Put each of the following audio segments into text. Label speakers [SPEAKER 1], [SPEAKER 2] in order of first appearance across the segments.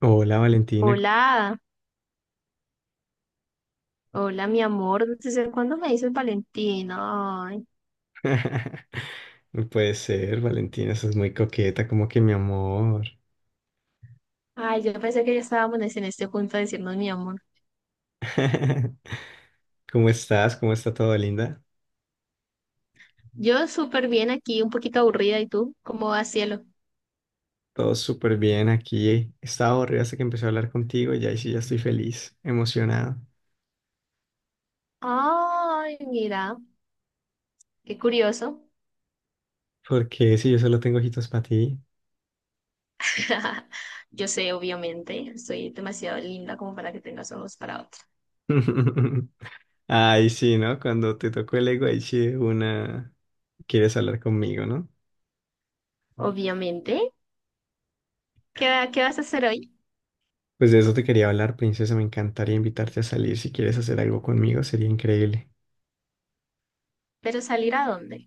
[SPEAKER 1] Hola, Valentina.
[SPEAKER 2] Hola, hola mi amor, ¿desde cuándo me dices Valentino? Ay,
[SPEAKER 1] No puede ser, Valentina, sos muy coqueta, como que mi amor.
[SPEAKER 2] ay, yo pensé que ya estábamos en este punto de decirnos mi amor.
[SPEAKER 1] ¿Cómo estás? ¿Cómo está todo, linda?
[SPEAKER 2] Yo súper bien aquí, un poquito aburrida, ¿y tú? ¿Cómo va, cielo?
[SPEAKER 1] Todo súper bien aquí. Estaba aburrido hasta que empecé a hablar contigo y ahí sí ya estoy feliz, emocionado.
[SPEAKER 2] Ay, mira, qué curioso.
[SPEAKER 1] Porque si yo solo tengo ojitos para ti.
[SPEAKER 2] Yo sé, obviamente, soy demasiado linda como para que tengas ojos para otra.
[SPEAKER 1] Ay, sí, ¿no? Cuando te tocó el ego, ahí sí de una quieres hablar conmigo, ¿no?
[SPEAKER 2] Obviamente, ¿qué vas a hacer hoy?
[SPEAKER 1] Pues de eso te quería hablar, princesa. Me encantaría invitarte a salir. Si quieres hacer algo conmigo, sería increíble.
[SPEAKER 2] ¿Pero salir a dónde?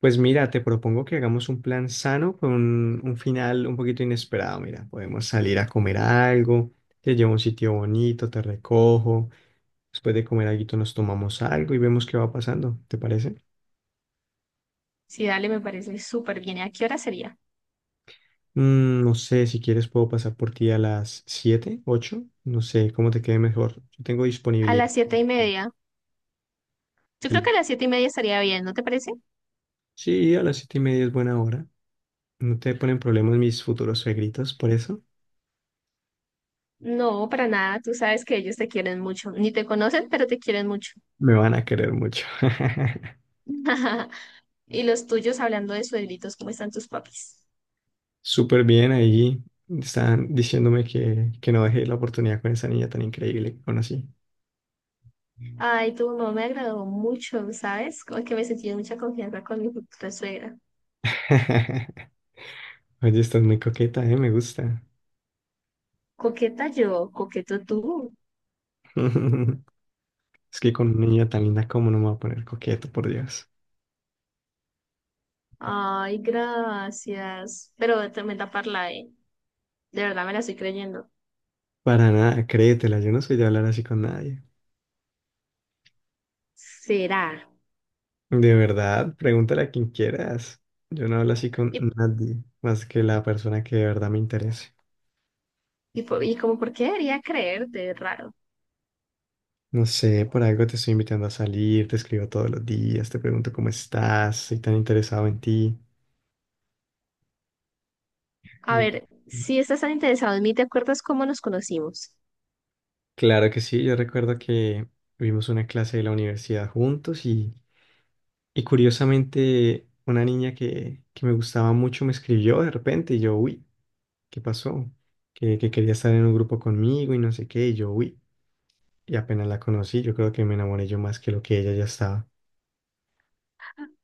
[SPEAKER 1] Pues mira, te propongo que hagamos un plan sano con un final un poquito inesperado. Mira, podemos salir a comer algo, te llevo a un sitio bonito, te recojo, después de comer algo nos tomamos algo y vemos qué va pasando, ¿te parece?
[SPEAKER 2] Sí, dale, me parece súper bien. ¿A qué hora sería?
[SPEAKER 1] No sé, si quieres puedo pasar por ti a las 7, 8, no sé, cómo te quede mejor. Yo tengo
[SPEAKER 2] A
[SPEAKER 1] disponibilidad.
[SPEAKER 2] las siete y media. Yo creo que
[SPEAKER 1] Sí,
[SPEAKER 2] a las siete y media estaría bien, ¿no te parece?
[SPEAKER 1] sí, a las 7:30 es buena hora. No te ponen problemas mis futuros suegritos, por eso
[SPEAKER 2] No, para nada. Tú sabes que ellos te quieren mucho. Ni te conocen, pero te quieren mucho.
[SPEAKER 1] me van a querer mucho.
[SPEAKER 2] Y los tuyos, hablando de suegritos, ¿cómo están tus papis?
[SPEAKER 1] Súper bien ahí. Están diciéndome que no dejé la oportunidad con esa niña tan increíble que conocí.
[SPEAKER 2] Ay, tu mamá me agradó mucho, ¿sabes? Como que me sentí en mucha confianza con mi futura suegra.
[SPEAKER 1] Oye, estás muy coqueta, ¿eh? Me gusta.
[SPEAKER 2] Coqueta yo, coqueto tú.
[SPEAKER 1] Es que con una niña tan linda, ¿cómo no me voy a poner coqueto, por Dios?
[SPEAKER 2] Ay, gracias. Pero de tremenda parla, ¿eh? De verdad me la estoy creyendo.
[SPEAKER 1] Para nada, créetela, yo no soy de hablar así con nadie.
[SPEAKER 2] ¿Será?
[SPEAKER 1] De verdad, pregúntale a quien quieras. Yo no hablo así con
[SPEAKER 2] ¿Y,
[SPEAKER 1] nadie, más que la persona que de verdad me interese.
[SPEAKER 2] y como por qué debería creerte? Es raro.
[SPEAKER 1] No sé, por algo te estoy invitando a salir, te escribo todos los días, te pregunto cómo estás, soy tan interesado en ti.
[SPEAKER 2] A
[SPEAKER 1] Mm.
[SPEAKER 2] ver, si estás tan interesado en mí, ¿te acuerdas cómo nos conocimos?
[SPEAKER 1] Claro que sí, yo recuerdo que vimos una clase de la universidad juntos y curiosamente una niña que me gustaba mucho me escribió de repente y yo, uy, ¿qué pasó? Que quería estar en un grupo conmigo y no sé qué, y yo, uy, y apenas la conocí, yo creo que me enamoré yo más que lo que ella ya estaba.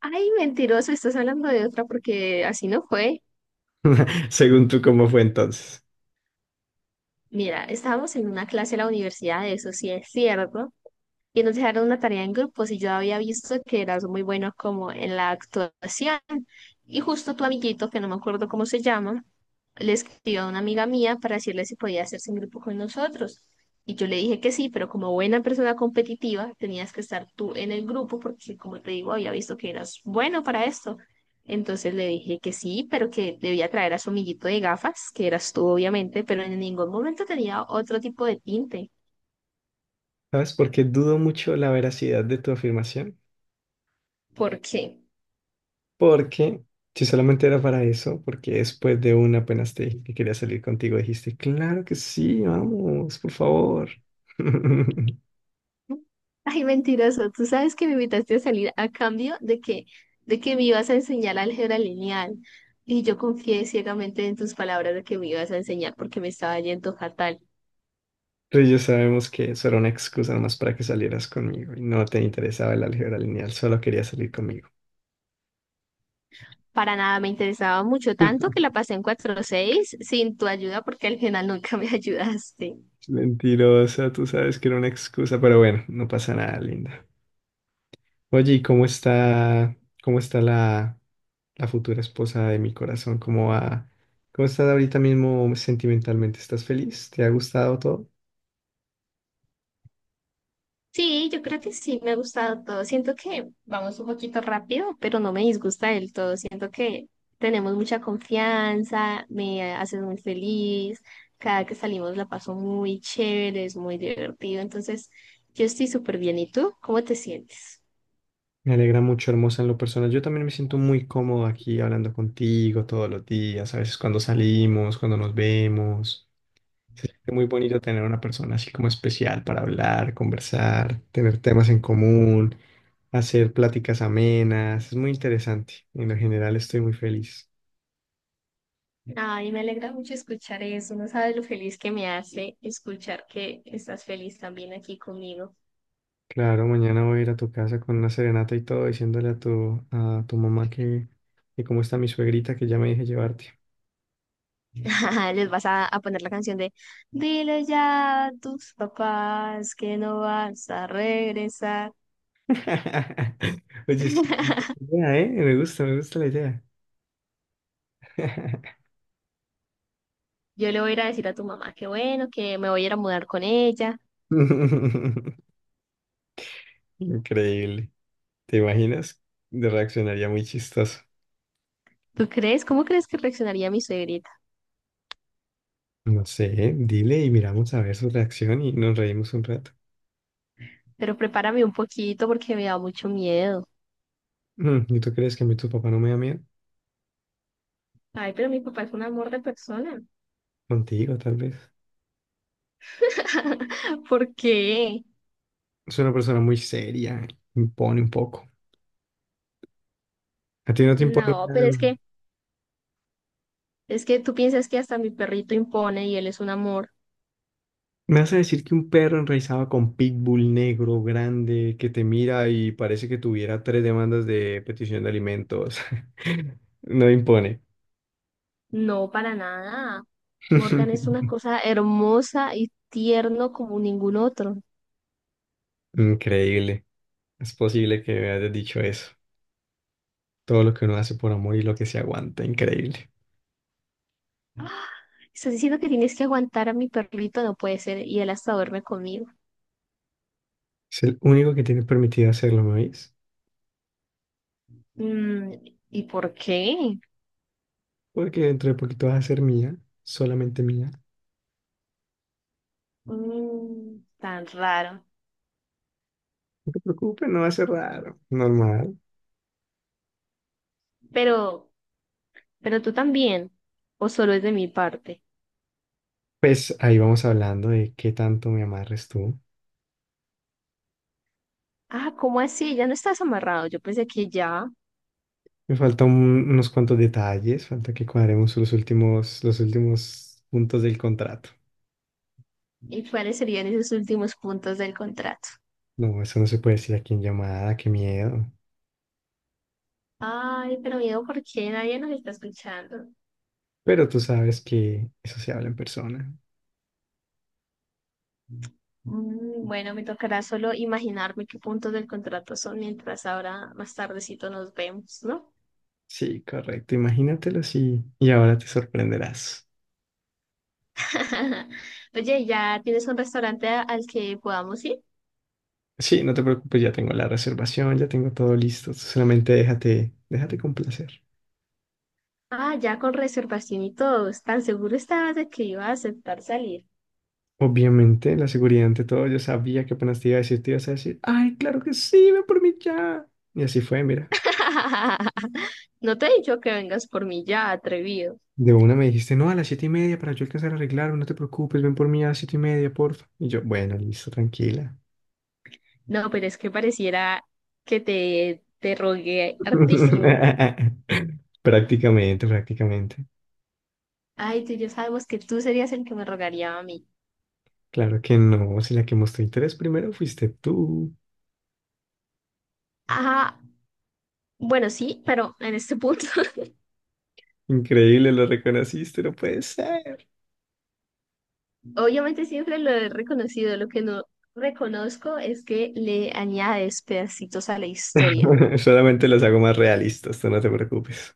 [SPEAKER 2] Ay, mentiroso, estás hablando de otra porque así no fue.
[SPEAKER 1] Según tú, ¿cómo fue entonces?
[SPEAKER 2] Mira, estábamos en una clase de la universidad, eso sí es cierto, y nos dejaron una tarea en grupos y yo había visto que eras muy bueno como en la actuación y justo tu amiguito, que no me acuerdo cómo se llama, le escribió a una amiga mía para decirle si podía hacerse en grupo con nosotros. Y yo le dije que sí, pero como buena persona competitiva tenías que estar tú en el grupo porque, como te digo, había visto que eras bueno para esto. Entonces le dije que sí, pero que debía traer a su amiguito de gafas, que eras tú obviamente, pero en ningún momento tenía otro tipo de tinte.
[SPEAKER 1] ¿Sabes? Porque dudo mucho la veracidad de tu afirmación.
[SPEAKER 2] ¿Por qué?
[SPEAKER 1] Porque si solamente era para eso, porque después de una apenas te dije que quería salir contigo, dijiste, claro que sí, vamos, por favor.
[SPEAKER 2] Ay, mentiroso, tú sabes que me invitaste a salir a cambio de que me ibas a enseñar álgebra lineal. Y yo confié ciegamente en tus palabras de que me ibas a enseñar porque me estaba yendo fatal.
[SPEAKER 1] Pero ya sabemos que eso era una excusa nomás para que salieras conmigo y no te interesaba el álgebra lineal, solo querías salir conmigo.
[SPEAKER 2] Para nada me interesaba mucho, tanto que la pasé en cuatro punto seis sin tu ayuda porque al final nunca me ayudaste.
[SPEAKER 1] Mentirosa, tú sabes que era una excusa, pero bueno, no pasa nada, linda. Oye, ¿y cómo está la futura esposa de mi corazón? ¿Cómo va? ¿Cómo estás ahorita mismo sentimentalmente? ¿Estás feliz? ¿Te ha gustado todo?
[SPEAKER 2] Sí, yo creo que sí, me ha gustado todo. Siento que vamos un poquito rápido, pero no me disgusta del todo. Siento que tenemos mucha confianza, me haces muy feliz. Cada que salimos la paso muy chévere, es muy divertido. Entonces, yo estoy súper bien. ¿Y tú? ¿Cómo te sientes?
[SPEAKER 1] Me alegra mucho, hermosa, en lo personal. Yo también me siento muy cómodo aquí hablando contigo todos los días, a veces cuando salimos, cuando nos vemos. Se siente muy bonito tener una persona así como especial para hablar, conversar, tener temas en común, hacer pláticas amenas. Es muy interesante. En lo general estoy muy feliz.
[SPEAKER 2] Ay, me alegra mucho escuchar eso. No sabes lo feliz que me hace escuchar que estás feliz también aquí conmigo.
[SPEAKER 1] Claro, mañana voy a ir a tu casa con una serenata y todo, diciéndole a tu mamá que cómo está mi suegrita, que ya me dije llevarte.
[SPEAKER 2] Les vas a poner la canción de "Dile ya a tus papás que no vas a regresar".
[SPEAKER 1] Oye, sí, buena idea, ¿eh? Me gusta la idea.
[SPEAKER 2] Yo le voy a ir a decir a tu mamá que bueno, que me voy a ir a mudar con ella.
[SPEAKER 1] Increíble. ¿Te imaginas? Reaccionaría muy chistoso.
[SPEAKER 2] ¿Tú crees? ¿Cómo crees que reaccionaría mi suegrita?
[SPEAKER 1] No sé, dile y miramos a ver su reacción y nos reímos un rato.
[SPEAKER 2] Pero prepárame un poquito porque me da mucho miedo.
[SPEAKER 1] Mm, ¿y tú crees que a mí tu papá no me da miedo?
[SPEAKER 2] Ay, pero mi papá es un amor de persona.
[SPEAKER 1] Contigo, tal vez.
[SPEAKER 2] ¿Por qué?
[SPEAKER 1] Es una persona muy seria, impone un poco. ¿A ti no te impone
[SPEAKER 2] No, pero
[SPEAKER 1] nada?
[SPEAKER 2] es que tú piensas que hasta mi perrito impone y él es un amor.
[SPEAKER 1] Me vas a decir que un perro enraizado con pitbull negro, grande, que te mira y parece que tuviera tres demandas de petición de alimentos. No impone.
[SPEAKER 2] No, para nada. Morgan es una cosa hermosa y tierno como ningún otro.
[SPEAKER 1] Increíble. Es posible que me hayas dicho eso. Todo lo que uno hace por amor y lo que se aguanta. Increíble.
[SPEAKER 2] Estás diciendo que tienes que aguantar a mi perrito, no puede ser, y él hasta duerme conmigo.
[SPEAKER 1] Es el único que tiene permitido hacerlo, ¿me oís?
[SPEAKER 2] Mm, ¿Y por qué?
[SPEAKER 1] Porque dentro de poquito vas a ser mía, solamente mía.
[SPEAKER 2] Tan raro.
[SPEAKER 1] No te preocupes, no va a ser raro. Normal.
[SPEAKER 2] Pero, pero tú también, o solo es de mi parte.
[SPEAKER 1] Pues ahí vamos hablando de qué tanto me amarres tú.
[SPEAKER 2] Ah, ¿cómo así? Ya no estás amarrado. Yo pensé que ya.
[SPEAKER 1] Me faltan unos cuantos detalles, falta que cuadremos los últimos puntos del contrato.
[SPEAKER 2] ¿Y cuáles serían esos últimos puntos del contrato?
[SPEAKER 1] No, eso no se puede decir aquí en llamada, qué miedo.
[SPEAKER 2] Ay, pero miedo, ¿por qué nadie nos está escuchando?
[SPEAKER 1] Pero tú sabes que eso se habla en persona.
[SPEAKER 2] Bueno, me tocará solo imaginarme qué puntos del contrato son mientras ahora más tardecito nos vemos, ¿no?
[SPEAKER 1] Sí, correcto, imagínatelo así y ahora te sorprenderás.
[SPEAKER 2] Oye, ¿ya tienes un restaurante al que podamos ir?
[SPEAKER 1] Sí, no te preocupes, ya tengo la reservación, ya tengo todo listo, solamente déjate, déjate complacer.
[SPEAKER 2] Ah, ya con reservación y todo. ¿Tan seguro estabas de que iba a aceptar salir?
[SPEAKER 1] Obviamente, la seguridad ante todo, yo sabía que apenas te iba a decir, te ibas a decir, ay, claro que sí, ven por mí ya. Y así fue, mira.
[SPEAKER 2] No te he dicho que vengas por mí ya, atrevido.
[SPEAKER 1] De una me dijiste, no, a las 7:30 para yo alcanzar a arreglarme, no te preocupes, ven por mí a las 7:30, porfa. Y yo, bueno, listo, tranquila.
[SPEAKER 2] No, pero es que pareciera que te rogué hartísimo.
[SPEAKER 1] Prácticamente, prácticamente.
[SPEAKER 2] Ay, tú y yo sabemos que tú serías el que me rogaría a mí.
[SPEAKER 1] Claro que no, si la que mostró interés primero fuiste tú.
[SPEAKER 2] Ajá, bueno, sí, pero en este punto.
[SPEAKER 1] Increíble, lo reconociste, no puede ser.
[SPEAKER 2] Obviamente siempre lo he reconocido, lo que no reconozco es que le añades pedacitos a la historia.
[SPEAKER 1] Solamente los hago más realistas, tú no te preocupes.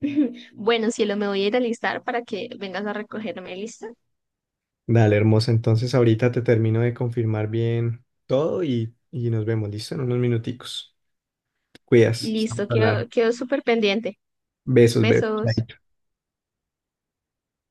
[SPEAKER 2] Bueno, cielo, me voy a ir a listar para que vengas a recogerme, ¿listo?
[SPEAKER 1] Dale, hermosa, entonces ahorita te termino de confirmar bien todo y nos vemos, listo, en unos minuticos. Te cuidas. Estamos
[SPEAKER 2] Listo, quedo,
[SPEAKER 1] hablando.
[SPEAKER 2] quedo súper pendiente.
[SPEAKER 1] Besos, bebé.
[SPEAKER 2] Besos.
[SPEAKER 1] Chaito.